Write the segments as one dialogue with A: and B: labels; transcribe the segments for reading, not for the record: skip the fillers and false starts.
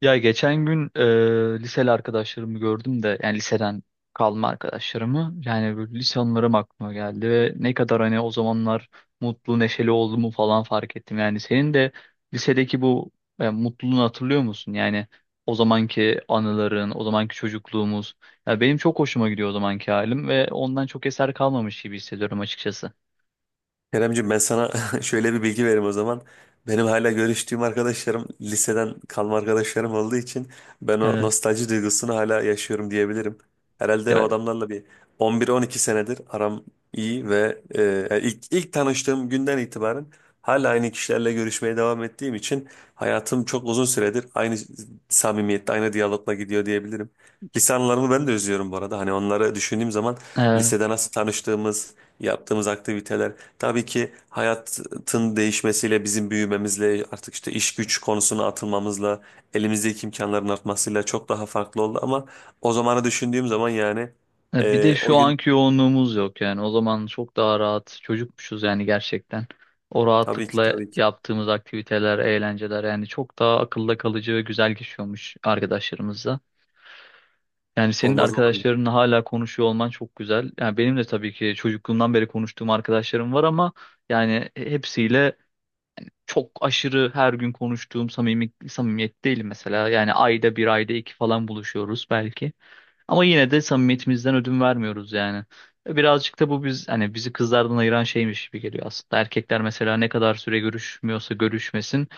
A: Ya geçen gün liseli arkadaşlarımı gördüm de yani liseden kalma arkadaşlarımı yani böyle lise anılarım aklıma geldi ve ne kadar hani o zamanlar mutlu neşeli olduğumu falan fark ettim. Yani senin de lisedeki bu mutluluğunu hatırlıyor musun? Yani o zamanki anıların, o zamanki çocukluğumuz. Ya benim çok hoşuma gidiyor o zamanki halim ve ondan çok eser kalmamış gibi hissediyorum açıkçası.
B: Keremciğim ben sana şöyle bir bilgi vereyim o zaman. Benim hala görüştüğüm arkadaşlarım liseden kalma arkadaşlarım olduğu için ben o
A: Evet.
B: nostalji duygusunu hala yaşıyorum diyebilirim. Herhalde o
A: Ya.
B: adamlarla bir 11-12 senedir aram iyi ve ilk tanıştığım günden itibaren hala aynı kişilerle görüşmeye devam ettiğim için hayatım çok uzun süredir aynı samimiyette, aynı diyalogla gidiyor diyebilirim. Lise anılarımı ben de özlüyorum bu arada. Hani onları düşündüğüm zaman
A: e,
B: lisede nasıl tanıştığımız, yaptığımız aktiviteler. Tabii ki hayatın değişmesiyle, bizim büyümemizle, artık işte iş güç konusuna atılmamızla, elimizdeki imkanların artmasıyla çok daha farklı oldu ama o zamanı düşündüğüm zaman yani,
A: Bir de
B: o
A: şu
B: gün,
A: anki yoğunluğumuz yok yani. O zaman çok daha rahat çocukmuşuz yani gerçekten. O
B: tabii ki
A: rahatlıkla
B: tabii ki,
A: yaptığımız aktiviteler, eğlenceler yani çok daha akılda kalıcı ve güzel geçiyormuş arkadaşlarımızla. Yani senin de
B: olmaz olur mu?
A: arkadaşlarınla hala konuşuyor olman çok güzel. Yani benim de tabii ki çocukluğumdan beri konuştuğum arkadaşlarım var ama yani hepsiyle çok aşırı her gün konuştuğum samimi, samimiyet değil mesela. Yani ayda bir ayda iki falan buluşuyoruz belki. Ama yine de samimiyetimizden ödün vermiyoruz yani. Birazcık da bu biz hani bizi kızlardan ayıran şeymiş gibi geliyor aslında. Erkekler mesela ne kadar süre görüşmüyorsa görüşmesin.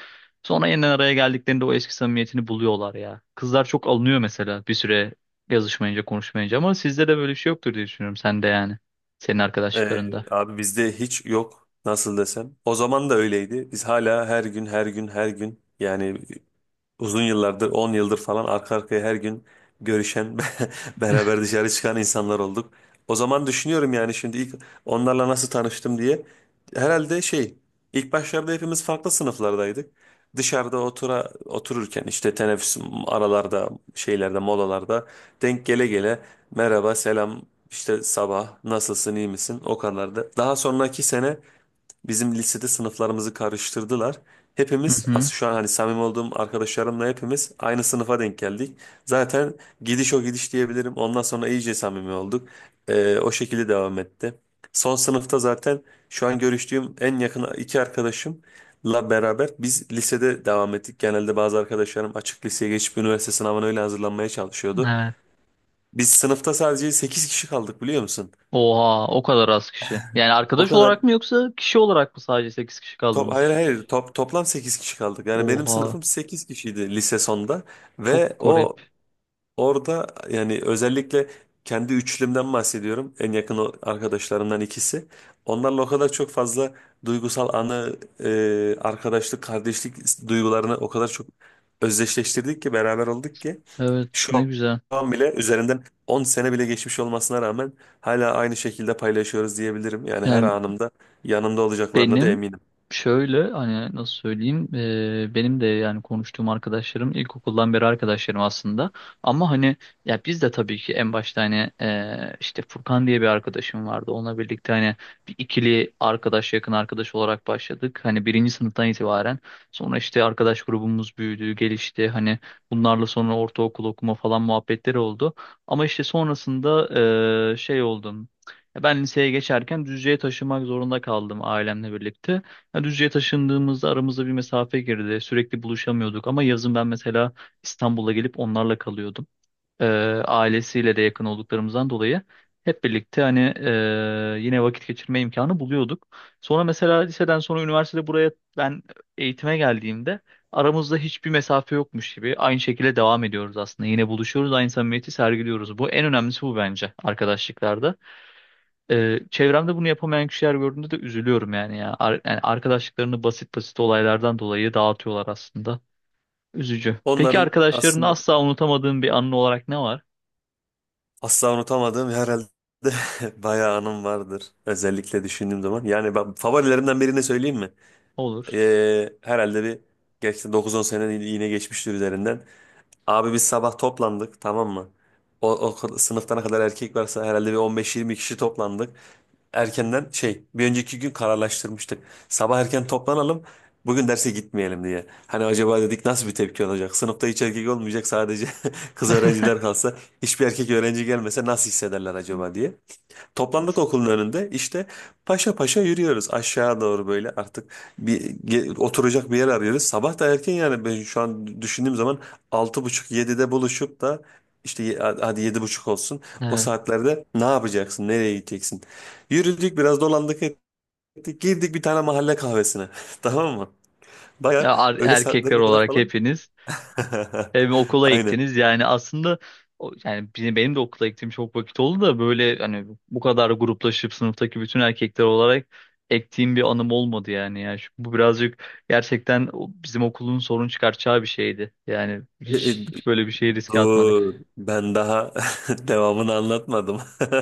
A: Sonra yeniden araya geldiklerinde o eski samimiyetini buluyorlar ya. Kızlar çok alınıyor mesela bir süre yazışmayınca konuşmayınca ama sizde de böyle bir şey yoktur diye düşünüyorum sen de yani. Senin
B: E,
A: arkadaşlıklarında.
B: abi bizde hiç yok, nasıl desem. O zaman da öyleydi. Biz hala her gün her gün her gün, yani uzun yıllardır 10 yıldır falan arka arkaya her gün görüşen, beraber dışarı çıkan insanlar olduk. O zaman düşünüyorum yani, şimdi ilk onlarla nasıl tanıştım diye. Herhalde şey, ilk başlarda hepimiz farklı sınıflardaydık. Dışarıda otura otururken, işte teneffüs aralarda, şeylerde, molalarda denk gele gele merhaba, selam, işte sabah nasılsın, iyi misin, o kadar da. Daha sonraki sene bizim lisede sınıflarımızı karıştırdılar.
A: Hı
B: Hepimiz
A: hı.
B: aslında, şu an hani samimi olduğum arkadaşlarımla hepimiz aynı sınıfa denk geldik. Zaten gidiş o gidiş diyebilirim. Ondan sonra iyice samimi olduk. O şekilde devam etti. Son sınıfta zaten şu an görüştüğüm en yakın iki arkadaşımla beraber biz lisede devam ettik. Genelde bazı arkadaşlarım açık liseye geçip üniversite sınavına öyle hazırlanmaya çalışıyordu.
A: Evet.
B: Biz sınıfta sadece 8 kişi kaldık biliyor musun?
A: Oha, o kadar az kişi. Yani
B: O
A: arkadaş
B: kadar.
A: olarak mı yoksa kişi olarak mı sadece 8 kişi kaldınız?
B: Hayır, hayır, toplam 8 kişi kaldık. Yani benim
A: Oha,
B: sınıfım 8 kişiydi lise sonda,
A: çok
B: ve o
A: garip.
B: orada yani özellikle kendi üçlümden bahsediyorum. En yakın o arkadaşlarımdan ikisi. Onlarla o kadar çok fazla duygusal anı, arkadaşlık, kardeşlik duygularını o kadar çok özdeşleştirdik ki, beraber olduk ki
A: Evet, ne
B: şu
A: güzel.
B: an bile üzerinden 10 sene bile geçmiş olmasına rağmen hala aynı şekilde paylaşıyoruz diyebilirim. Yani her
A: Yani
B: anımda yanımda olacaklarına da
A: benim
B: eminim.
A: şöyle hani nasıl söyleyeyim benim de yani konuştuğum arkadaşlarım ilkokuldan beri arkadaşlarım aslında ama hani ya biz de tabii ki en başta hani işte Furkan diye bir arkadaşım vardı, onunla birlikte hani bir ikili arkadaş yakın arkadaş olarak başladık hani birinci sınıftan itibaren. Sonra işte arkadaş grubumuz büyüdü, gelişti, hani bunlarla sonra ortaokul okuma falan muhabbetleri oldu ama işte sonrasında şey oldu. Ya ben liseye geçerken Düzce'ye taşınmak zorunda kaldım ailemle birlikte. Ya Düzce'ye taşındığımızda aramızda bir mesafe girdi. Sürekli buluşamıyorduk ama yazın ben mesela İstanbul'a gelip onlarla kalıyordum. Ee, Ailesiyle de yakın olduklarımızdan dolayı hep birlikte hani yine vakit geçirme imkanı buluyorduk. Sonra mesela liseden sonra üniversitede buraya ben eğitime geldiğimde aramızda hiçbir mesafe yokmuş gibi aynı şekilde devam ediyoruz aslında. Yine buluşuyoruz, aynı samimiyeti sergiliyoruz. Bu en önemlisi, bu bence arkadaşlıklarda. Çevremde bunu yapamayan kişiler gördüğümde de üzülüyorum yani ya. Yani arkadaşlıklarını basit basit olaylardan dolayı dağıtıyorlar aslında. Üzücü. Peki
B: Onların
A: arkadaşlarını
B: aslında
A: asla unutamadığın bir anın olarak ne var?
B: asla unutamadığım herhalde bayağı anım vardır. Özellikle düşündüğüm zaman. Yani ben favorilerimden birini söyleyeyim mi?
A: Olur.
B: Herhalde bir geçti, 9-10 sene yine geçmiştir üzerinden. Abi biz sabah toplandık, tamam mı? O, o sınıftan ne kadar erkek varsa herhalde bir 15-20 kişi toplandık. Erkenden şey, bir önceki gün kararlaştırmıştık. Sabah erken toplanalım, bugün derse gitmeyelim diye. Hani acaba dedik nasıl bir tepki olacak? Sınıfta hiç erkek olmayacak, sadece kız öğrenciler kalsa. Hiçbir erkek öğrenci gelmese nasıl hissederler acaba diye. Toplandık okulun önünde, işte paşa paşa yürüyoruz aşağı doğru, böyle artık oturacak bir yer arıyoruz. Sabah da erken yani, ben şu an düşündüğüm zaman altı buçuk yedide buluşup da işte hadi yedi buçuk olsun, o
A: Evet.
B: saatlerde ne yapacaksın, nereye gideceksin? Yürüdük, biraz dolandık ettik, girdik bir tane mahalle kahvesine tamam mı? Baya
A: Ya,
B: öğle
A: erkekler
B: saatlerine kadar
A: olarak
B: falan.
A: hepiniz evime okula
B: Aynen.
A: ektiniz yani aslında. Yani benim de okula ektiğim çok vakit oldu da böyle hani bu kadar gruplaşıp sınıftaki bütün erkekler olarak ektiğim bir anım olmadı yani. Bu birazcık gerçekten bizim okulun sorun çıkartacağı bir şeydi. Yani
B: E, e,
A: hiç, hiç böyle bir şey riske
B: Dur,
A: atmadık.
B: ben daha devamını anlatmadım.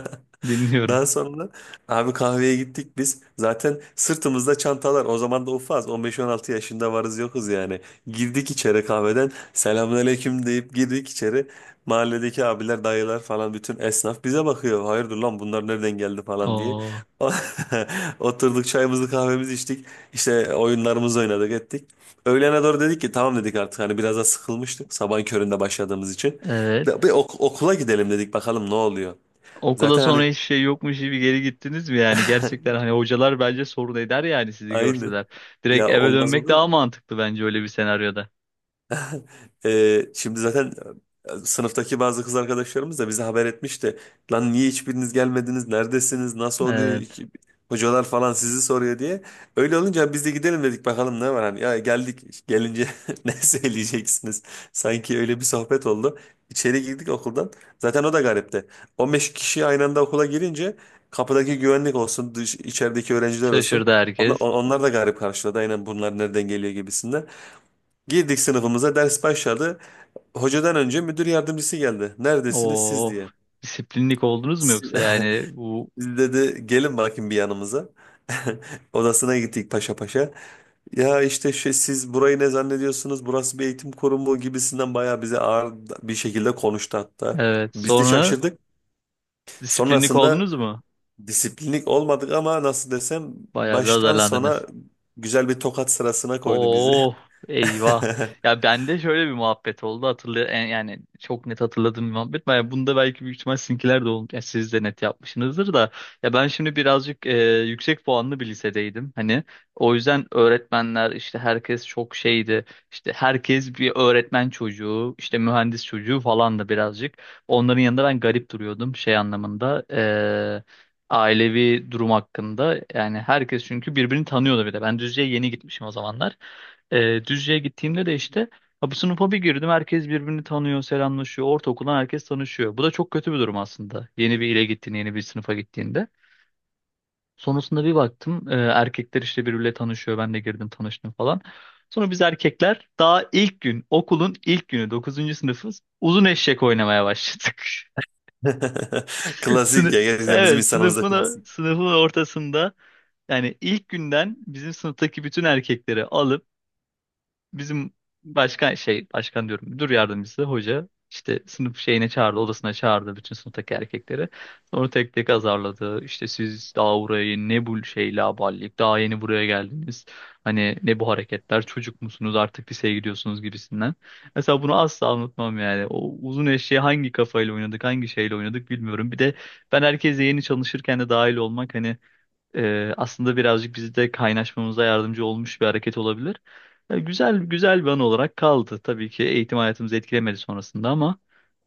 A: Dinliyorum.
B: Daha sonra abi kahveye gittik biz. Zaten sırtımızda çantalar. O zaman da ufaz. 15-16 yaşında varız yokuz yani. Girdik içeri kahveden. Selamünaleyküm deyip girdik içeri. Mahalledeki abiler, dayılar falan, bütün esnaf bize bakıyor. Hayırdır lan, bunlar nereden geldi falan diye.
A: Oo,
B: Oturduk, çayımızı kahvemizi içtik. İşte oyunlarımızı oynadık ettik. Öğlene doğru dedik ki tamam, dedik artık, hani biraz da sıkılmıştık sabahın köründe başladığımız için.
A: evet.
B: Bir okula gidelim dedik, bakalım ne oluyor.
A: Okula
B: Zaten
A: sonra
B: hani
A: hiçbir şey yokmuş gibi geri gittiniz mi yani? Gerçekten hani hocalar bence sorun eder yani sizi
B: aynı,
A: görseler. Direkt
B: ya
A: eve
B: olmaz
A: dönmek
B: olur
A: daha
B: mu?
A: mantıklı bence öyle bir senaryoda.
B: Şimdi zaten sınıftaki bazı kız arkadaşlarımız da bize haber etmişti. Lan niye hiçbiriniz gelmediniz? Neredesiniz? Nasıl oluyor?
A: Evet.
B: Hocalar falan sizi soruyor diye. Öyle olunca biz de gidelim dedik, bakalım ne var hani. Ya geldik, gelince ne söyleyeceksiniz? Sanki öyle bir sohbet oldu. İçeri girdik okuldan. Zaten o da garipti. 15 kişi aynı anda okula girince kapıdaki güvenlik olsun, içerideki öğrenciler olsun.
A: Şaşırdı
B: Onlar,
A: herkes.
B: onlar da garip karşıladı. Aynen bunlar nereden geliyor gibisinden. Girdik sınıfımıza, ders başladı. Hocadan önce müdür yardımcısı geldi. Neredesiniz siz
A: O
B: diye.
A: disiplinlik oldunuz mu
B: Si-
A: yoksa yani bu?
B: Biz dedi, gelin bakayım bir yanımıza. Odasına gittik paşa paşa. Ya işte şey, siz burayı ne zannediyorsunuz? Burası bir eğitim kurumu gibisinden, bayağı bize ağır bir şekilde konuştu hatta.
A: Evet,
B: Biz de
A: sonra
B: şaşırdık.
A: disiplinlik
B: Sonrasında
A: oldunuz mu?
B: disiplinlik olmadık ama nasıl desem,
A: Bayağı bir
B: baştan
A: azarlandınız.
B: sona güzel bir tokat sırasına koydu bizi.
A: Oo, eyvah. Ya bende şöyle bir muhabbet oldu, yani çok net hatırladığım bir muhabbet. Yani bunda belki büyük ihtimal sizinkiler de olmuş. Yani siz de net yapmışsınızdır da. Ya ben şimdi birazcık yüksek puanlı bir lisedeydim. Hani o yüzden öğretmenler işte herkes çok şeydi. İşte herkes bir öğretmen çocuğu, işte mühendis çocuğu falan da birazcık. Onların yanında ben garip duruyordum şey anlamında. Ailevi durum hakkında. Yani herkes çünkü birbirini tanıyordu bir de. Ben Düzce'ye yeni gitmişim o zamanlar. Düzce'ye gittiğimde de işte ha, bu sınıfa bir girdim, herkes birbirini tanıyor, selamlaşıyor. Ortaokuldan herkes tanışıyor. Bu da çok kötü bir durum aslında. Yeni bir ile gittiğin, yeni bir sınıfa gittiğinde. Sonrasında bir baktım erkekler işte birbiriyle tanışıyor. Ben de girdim, tanıştım falan. Sonra biz erkekler daha ilk gün, okulun ilk günü, 9. sınıfız, uzun eşek oynamaya başladık.
B: Klasik ya, gerçekten bizim
A: Evet,
B: insanımızda.
A: sınıfın ortasında yani ilk günden bizim sınıftaki bütün erkekleri alıp bizim başkan, şey, başkan diyorum, müdür yardımcısı hoca işte sınıf şeyine çağırdı, odasına çağırdı bütün sınıftaki erkekleri. Sonra tek tek azarladı. İşte siz daha burayı ne, bu şey laballik, daha yeni buraya geldiniz. Hani ne bu hareketler, çocuk musunuz, artık liseye gidiyorsunuz gibisinden. Mesela bunu asla unutmam yani. O uzun eşeği hangi kafayla oynadık, hangi şeyle oynadık bilmiyorum. Bir de ben herkese yeni çalışırken de dahil olmak hani aslında birazcık bizi de kaynaşmamıza yardımcı olmuş bir hareket olabilir. Güzel güzel bir an olarak kaldı. Tabii ki eğitim hayatımızı etkilemedi sonrasında ama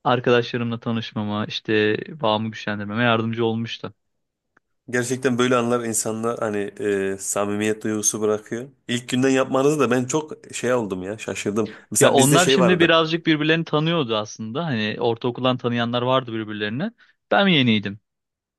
A: arkadaşlarımla tanışmama, işte bağımı güçlendirmeme yardımcı olmuştu.
B: Gerçekten böyle anlar insanlar hani samimiyet duygusu bırakıyor. İlk günden yapmanızı da ben çok şey oldum ya, şaşırdım.
A: Ya
B: Mesela bizde
A: onlar
B: şey
A: şimdi
B: vardı.
A: birazcık birbirlerini tanıyordu aslında. Hani ortaokuldan tanıyanlar vardı birbirlerine. Ben yeniydim.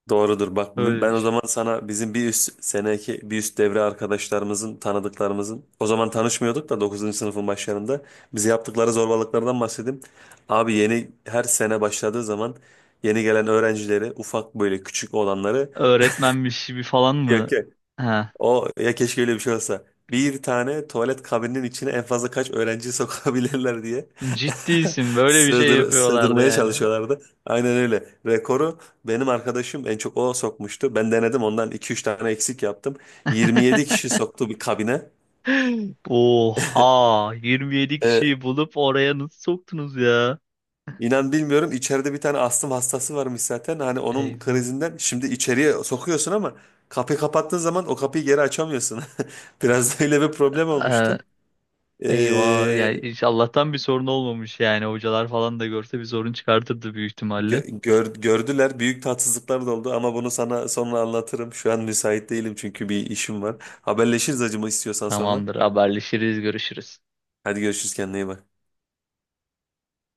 B: Doğrudur bak,
A: Öyle
B: ben o
A: düşün.
B: zaman sana bizim bir üst seneki, bir üst devre arkadaşlarımızın, tanıdıklarımızın, o zaman tanışmıyorduk da 9. sınıfın başlarında bize yaptıkları zorbalıklardan bahsedeyim. Abi yeni her sene başladığı zaman yeni gelen öğrencileri, ufak böyle küçük olanları
A: Öğretmenmiş gibi falan mı?
B: yak-
A: Ha.
B: o ya keşke öyle bir şey olsa. Bir tane tuvalet kabininin içine en fazla kaç öğrenci sokabilirler diye
A: Ciddiysin. Böyle bir şey yapıyorlardı
B: sığdırmaya
A: yani.
B: çalışıyorlardı. Aynen öyle. Rekoru benim arkadaşım en çok o sokmuştu. Ben denedim ondan iki üç tane eksik yaptım. 27 kişi soktu bir kabine.
A: Oha, 27
B: Ee,
A: kişiyi bulup oraya nasıl soktunuz ya?
B: inan bilmiyorum, içeride bir tane astım hastası varmış zaten. Hani onun
A: Eyvah.
B: krizinden, şimdi içeriye sokuyorsun ama kapıyı kapattığın zaman o kapıyı geri açamıyorsun. Biraz da öyle bir problem
A: Ee,
B: olmuştu.
A: Eyvah
B: E,
A: yani, hiç Allah'tan bir sorun olmamış yani, hocalar falan da görse bir sorun çıkartırdı büyük ihtimalle.
B: Gö- gör- gördüler büyük tatsızlıklar da oldu ama bunu sana sonra anlatırım. Şu an müsait değilim çünkü bir işim var. Haberleşiriz acımı istiyorsan sonra.
A: Tamamdır, haberleşiriz, görüşürüz.
B: Hadi görüşürüz, kendine iyi bak.